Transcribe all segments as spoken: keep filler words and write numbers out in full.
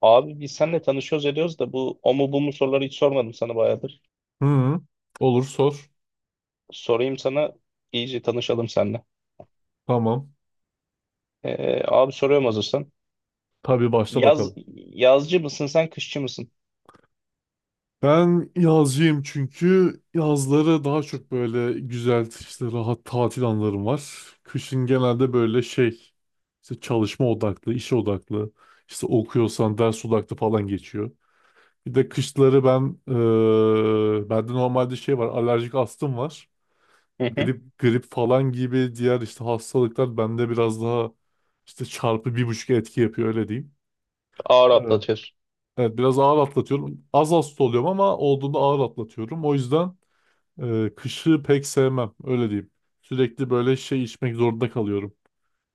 Abi biz seninle tanışıyoruz ediyoruz da bu o mu bu mu soruları hiç sormadım sana bayağıdır. Hı, olur sor. Sorayım sana iyice tanışalım seninle. Tamam. Ee, abi soruyorum hazırsan. Tabii, başla Yaz, bakalım. Yazcı mısın sen kışçı mısın? Ben yazcıyım çünkü yazları daha çok böyle güzel işte rahat tatil anlarım var. Kışın genelde böyle şey işte çalışma odaklı, iş odaklı, işte okuyorsan ders odaklı falan geçiyor. Bir de kışları ben eee bende normalde şey var, alerjik astım var. Hı hı. Grip, grip falan gibi diğer işte hastalıklar bende biraz daha işte çarpı bir buçuk etki yapıyor, öyle diyeyim. Ağır atlatıyorsun. Evet, biraz ağır atlatıyorum. Az hasta oluyorum ama olduğunda ağır atlatıyorum. O yüzden e, kışı pek sevmem. Öyle diyeyim. Sürekli böyle şey içmek zorunda kalıyorum.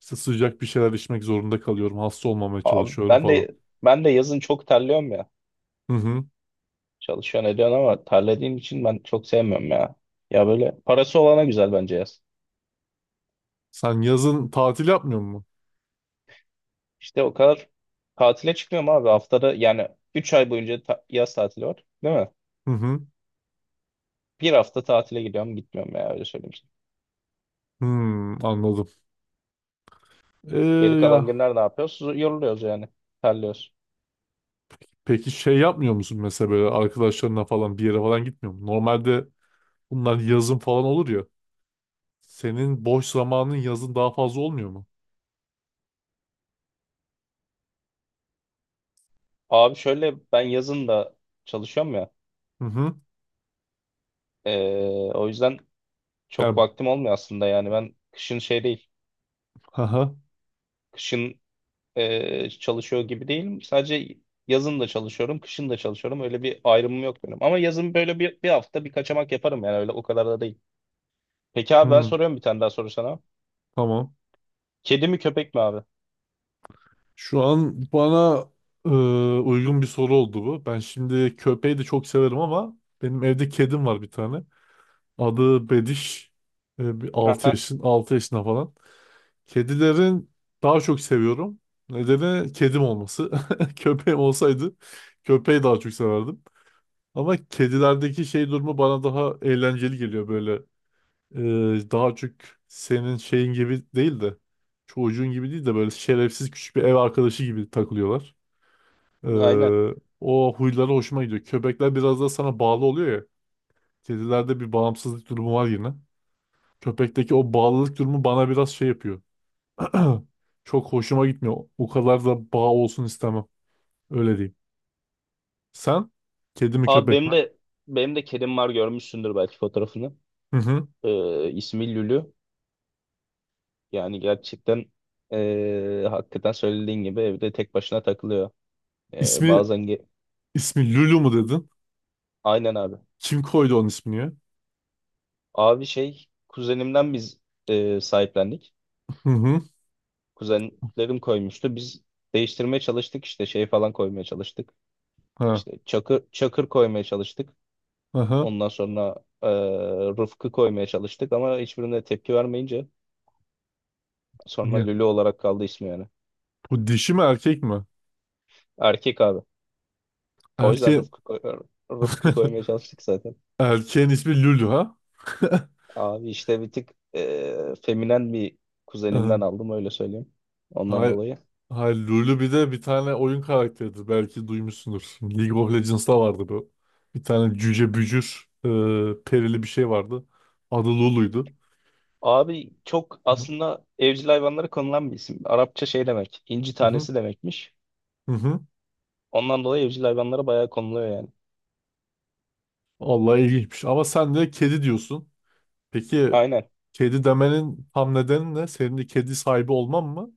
İşte sıcak bir şeyler içmek zorunda kalıyorum. Hasta olmamaya Abi çalışıyorum ben falan. de ben de yazın çok terliyorum ya. Hı hı. Çalışıyorsun ediyorsun ama terlediğim için ben çok sevmiyorum ya. Ya böyle parası olana güzel bence yaz. Sen yazın tatil yapmıyor musun? İşte o kadar tatile çıkmıyorum abi haftada yani üç ay boyunca ta- yaz tatili var değil mi? Hı hı. Bir hafta tatile gidiyorum gitmiyorum ya öyle söyleyeyim. Hmm, anladım. Geri Ee, kalan ya günler ne yapıyoruz? Yoruluyoruz yani. Terliyoruz. peki şey yapmıyor musun mesela böyle arkadaşlarına falan bir yere falan gitmiyor musun? Normalde bunlar yazın falan olur ya. Senin boş zamanın yazın daha fazla olmuyor mu? Abi şöyle ben yazın da çalışıyorum ya. Hı hı. Ee, o yüzden çok Yani, vaktim olmuyor aslında yani. Ben kışın şey değil. Kışın ee, çalışıyor gibi değilim. Sadece yazın da çalışıyorum. Kışın da çalışıyorum. Öyle bir ayrımım yok benim. Ama yazın böyle bir, bir hafta bir kaçamak yaparım yani. Öyle o kadar da değil. Peki abi ben hmm, soruyorum bir tane daha soru sana. tamam. Kedi mi köpek mi abi? Şu an bana e, uygun bir soru oldu bu. Ben şimdi köpeği de çok severim ama benim evde kedim var, bir tane. Adı Bediş. E, bir altı Aha, yaşın altı yaşında falan. Kedilerin daha çok seviyorum. Nedeni kedim olması. Köpeğim olsaydı köpeği daha çok severdim. Ama kedilerdeki şey durumu bana daha eğlenceli geliyor böyle. Ee, daha çok senin şeyin gibi değil de çocuğun gibi değil de böyle şerefsiz küçük bir ev arkadaşı gibi takılıyorlar. aynen. Ee, o huyları hoşuma gidiyor. Köpekler biraz da sana bağlı oluyor ya. Kedilerde bir bağımsızlık durumu var yine. Köpekteki o bağlılık durumu bana biraz şey yapıyor. Çok hoşuma gitmiyor. O kadar da bağ olsun istemem. Öyle diyeyim. Sen kedi mi Abi köpek benim mi? de benim de kedim var görmüşsündür belki fotoğrafını. Hı hı. Ee, ismi Lülü. Yani gerçekten eee, hakikaten söylediğin gibi evde tek başına takılıyor. Eee, İsmi bazen ge- ismi Lulu mu dedin? aynen abi. Kim koydu onun ismini ya? Abi şey kuzenimden biz eee, sahiplendik. Hı hı. Kuzenlerim koymuştu. Biz değiştirmeye çalıştık işte şey falan koymaya çalıştık. Ha. İşte çakır, çakır koymaya çalıştık. Aha. Ondan sonra eee Rıfkı koymaya çalıştık ama hiçbirine tepki vermeyince sonra Lülü olarak kaldı ismi yani. Bu dişi mi erkek mi? Erkek abi. O yüzden Erke... Rıfkı, koy- Rıfkı koymaya çalıştık zaten. Erkeğin ismi Lulu ha? Abi işte bir tık e, feminen bir kuzenimden aldım öyle söyleyeyim. Ondan Hayır, dolayı. hayır, Lulu bir de bir tane oyun karakteridir. Belki duymuşsundur. League of Legends'ta vardı bu. Bir tane cüce bücür e, perili bir şey vardı. Adı Lulu'ydu. Abi çok aslında evcil hayvanlara konulan bir isim. Arapça şey demek. İnci Hı hı, tanesi demekmiş. hı hı. Ondan dolayı evcil hayvanlara bayağı konuluyor yani. Allah, ilginçmiş. Ama sen de kedi diyorsun. Peki Aynen. kedi demenin tam nedeni ne? Senin de kedi sahibi olman mı?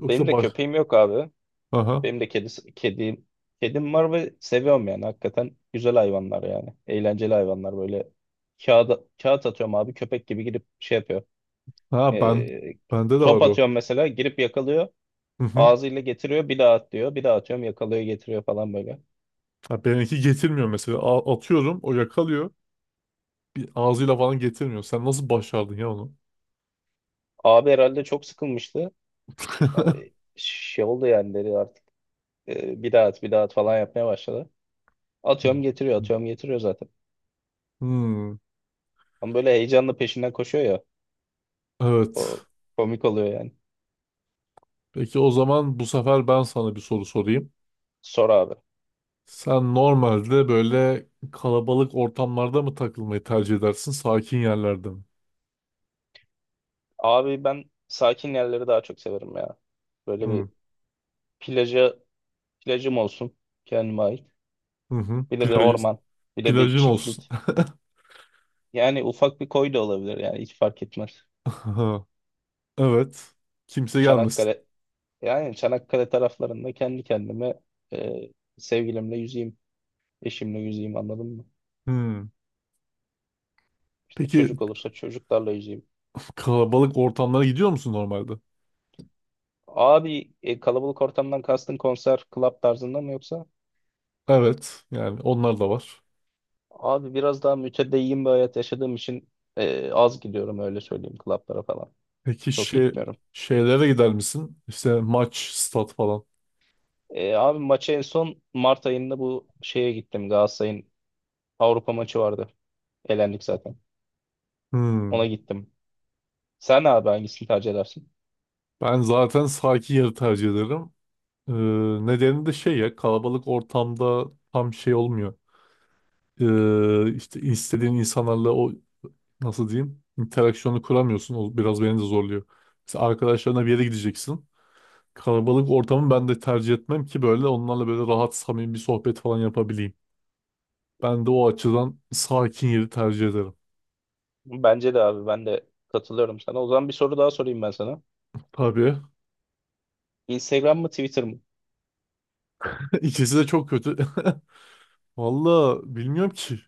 Benim de baş... köpeğim yok abi. Aha. Benim de kedisi, kedim, kedim var ve seviyorum yani. Hakikaten güzel hayvanlar yani. Eğlenceli hayvanlar böyle. Kağıda, kağıt atıyorum abi köpek gibi girip şey yapıyor. Ha, ben E, bende de Top var o. atıyorum mesela girip yakalıyor. Hı hı. Ağzıyla getiriyor bir daha at diyor. Bir daha atıyorum yakalıyor getiriyor falan böyle. Ha, benimki getirmiyor mesela. A- atıyorum o yakalıyor. Bir ağzıyla falan getirmiyor. Sen nasıl başardın ya onu? Abi herhalde çok sıkılmıştı. Ay, şey oldu yani dedi artık e, bir daha at bir daha at falan yapmaya başladı. Atıyorum getiriyor atıyorum getiriyor zaten. Hmm, Ama böyle heyecanla peşinden koşuyor ya. O evet. komik oluyor yani. Peki o zaman bu sefer ben sana bir soru sorayım. Sor abi. Sen normalde böyle kalabalık ortamlarda mı takılmayı tercih edersin, sakin yerlerde mi? Abi ben sakin yerleri daha çok severim ya. Böyle Hmm, bir plaja, plajım olsun kendime ait. hı hı. Bir de bir Plaj, orman. Bir de bir plajın olsun. çiftlik. Yani ufak bir koy da olabilir yani hiç fark etmez. Aha, evet. Kimse gelmesin. Çanakkale Yani Çanakkale taraflarında kendi kendime e, sevgilimle yüzeyim, eşimle yüzeyim anladın mı? Hmm. İşte Peki çocuk olursa çocuklarla yüzeyim. kalabalık ortamlara gidiyor musun normalde? Abi e, kalabalık ortamdan kastın konser, club tarzında mı yoksa? Evet. Yani onlar da var. Abi biraz daha mütedeyyin bir hayat yaşadığım için e, az gidiyorum öyle söyleyeyim clublara falan. Peki Çok şey, gitmiyorum. şeylere gider misin? İşte maç, stat falan. E, abi maça en son Mart ayında bu şeye gittim. Galatasaray'ın Avrupa maçı vardı. Elendik zaten. Ona Hmm. gittim. Sen abi hangisini tercih edersin? Ben zaten sakin yeri tercih ederim. Ee, nedeni de şey ya, kalabalık ortamda tam şey olmuyor. Ee, işte istediğin insanlarla o nasıl diyeyim interaksiyonu kuramıyorsun. O biraz beni de zorluyor. Mesela arkadaşlarına bir yere gideceksin. Kalabalık ortamı ben de tercih etmem ki böyle onlarla böyle rahat samimi bir sohbet falan yapabileyim. Ben de o açıdan sakin yeri tercih ederim. Bence de abi ben de katılıyorum sana. O zaman bir soru daha sorayım ben sana. Tabii. Instagram mı Twitter mı? İkisi de çok kötü. Valla bilmiyorum ki.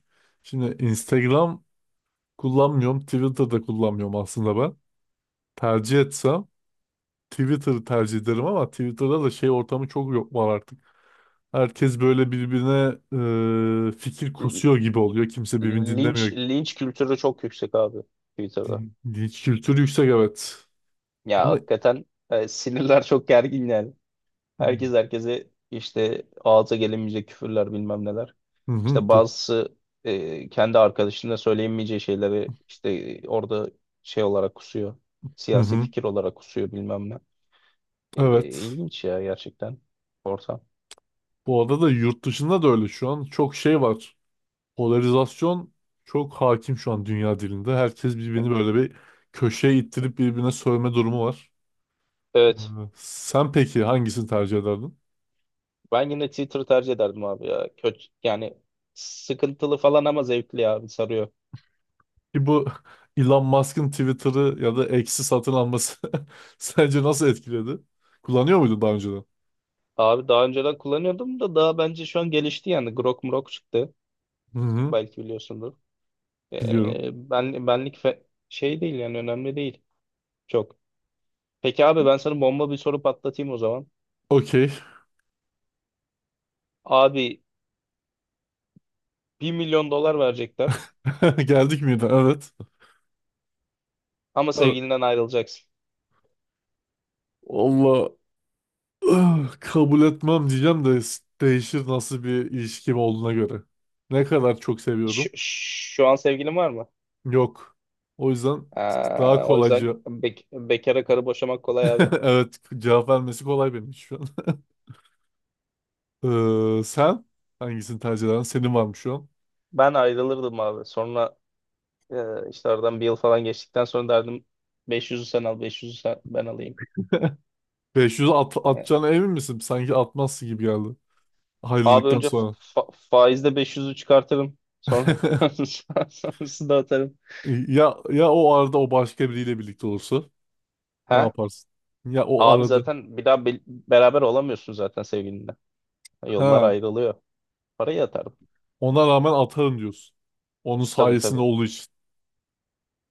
Şimdi Instagram kullanmıyorum. Twitter'da kullanmıyorum aslında ben. Tercih etsem Twitter'ı tercih ederim ama Twitter'da da şey ortamı çok yok var artık. Herkes böyle birbirine e, fikir L- kusuyor gibi oluyor. Kimse birbirini Linç dinlemiyor. linç kültürü çok yüksek abi Twitter'da. Linç kültürü yüksek, evet. Ya Ama hakikaten e, sinirler çok gergin yani. hı Herkes herkese işte ağza gelemeyecek küfürler bilmem neler. hı, İşte bu. bazısı e, kendi arkadaşına söyleyemeyeceği şeyleri işte orada şey olarak kusuyor. Hı Siyasi hı, fikir olarak kusuyor bilmem ne. E, evet. ilginç ya gerçekten ortam. Bu arada da yurt dışında da öyle şu an çok şey var. Polarizasyon çok hakim şu an dünya dilinde. Herkes birbirini böyle bir köşeye ittirip birbirine sövme durumu var. Ee, Evet. Sen peki hangisini tercih ederdin? Ben yine Twitter'ı tercih ederdim abi ya. Kötü yani sıkıntılı falan ama zevkli abi sarıyor. Ki bu Elon Musk'ın Twitter'ı ya da X'i satın alması sence nasıl etkiledi? Kullanıyor muydun daha önceden? Abi daha önceden kullanıyordum da daha bence şu an gelişti yani. Grok mrok çıktı. Hı hı, Belki biliyorsundur. biliyorum. Ee, ben, benlik fe- Şey değil yani önemli değil. Çok. Peki abi ben sana bomba bir soru patlatayım o zaman. Okey. Abi bir milyon dolar verecekler Geldik miydi? Evet. ama Evet. sevgilinden ayrılacaksın. Allah, ah, kabul etmem diyeceğim de s- değişir nasıl bir ilişkim olduğuna göre. Ne kadar çok Şu, seviyorum. şu an sevgilin var mı? Yok. O yüzden daha Ee, o yüzden kolaycı. Bek- bekara karı boşamak kolay abi. Evet, cevap vermesi kolay benim şu an. Ee, sen hangisini tercih edersin? Senin var mı şu an? Ben ayrılırdım abi. Sonra Ee, işte aradan bir yıl falan geçtikten sonra derdim beş yüzü sen al beş yüzü sen, ben alayım. beş yüz at, Yani, atacağına emin misin? Sanki atmazsın gibi geldi. Abi Ayrıldıktan önce sonra. fa- faizde beş yüzü çıkartırım sonra sonrasını da atarım. Ya ya o arada o başka biriyle birlikte olursa ne Ha? yaparsın? Ya o Abi arada. zaten bir daha be- beraber olamıyorsun zaten sevgilinle. Yollar Ha, ayrılıyor. Parayı atarım. ona rağmen atarım diyorsun. Onun Tabii sayesinde tabii. olduğu için.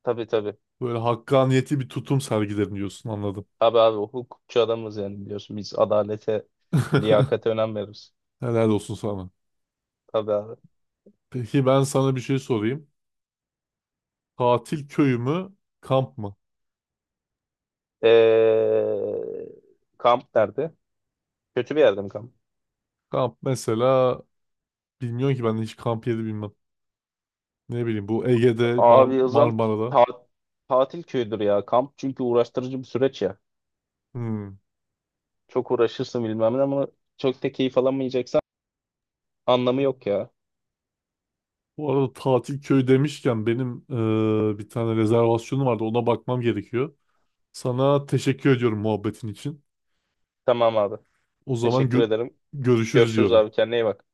Tabii tabii. Böyle hakkaniyeti bir tutum sergilerim diyorsun, anladım. Tabii abi hukukçu adamız yani biliyorsun biz adalete liyakate önem veririz. Helal olsun sana. Tabii abi. Peki ben sana bir şey sorayım. Tatil köyü mü? Kamp mı? Ee, Kamp nerede? Kötü bir yerde mi kamp? Kamp mesela, bilmiyorum ki, ben hiç kamp yeri bilmem. Ne bileyim, bu Ege'de Mar Abi o zaman Marmara'da. ta- tatil köyüdür ya kamp. Çünkü uğraştırıcı bir süreç ya. Hmm. Çok uğraşırsın bilmem ne ama çok da keyif alamayacaksan anlamı yok ya. Bu arada tatil köyü demişken benim eee, bir tane rezervasyonum vardı, ona bakmam gerekiyor. Sana teşekkür ediyorum muhabbetin için. Tamam abi. O zaman Teşekkür gö- ederim. görüşürüz Görüşürüz diyorum. abi kendine iyi bak.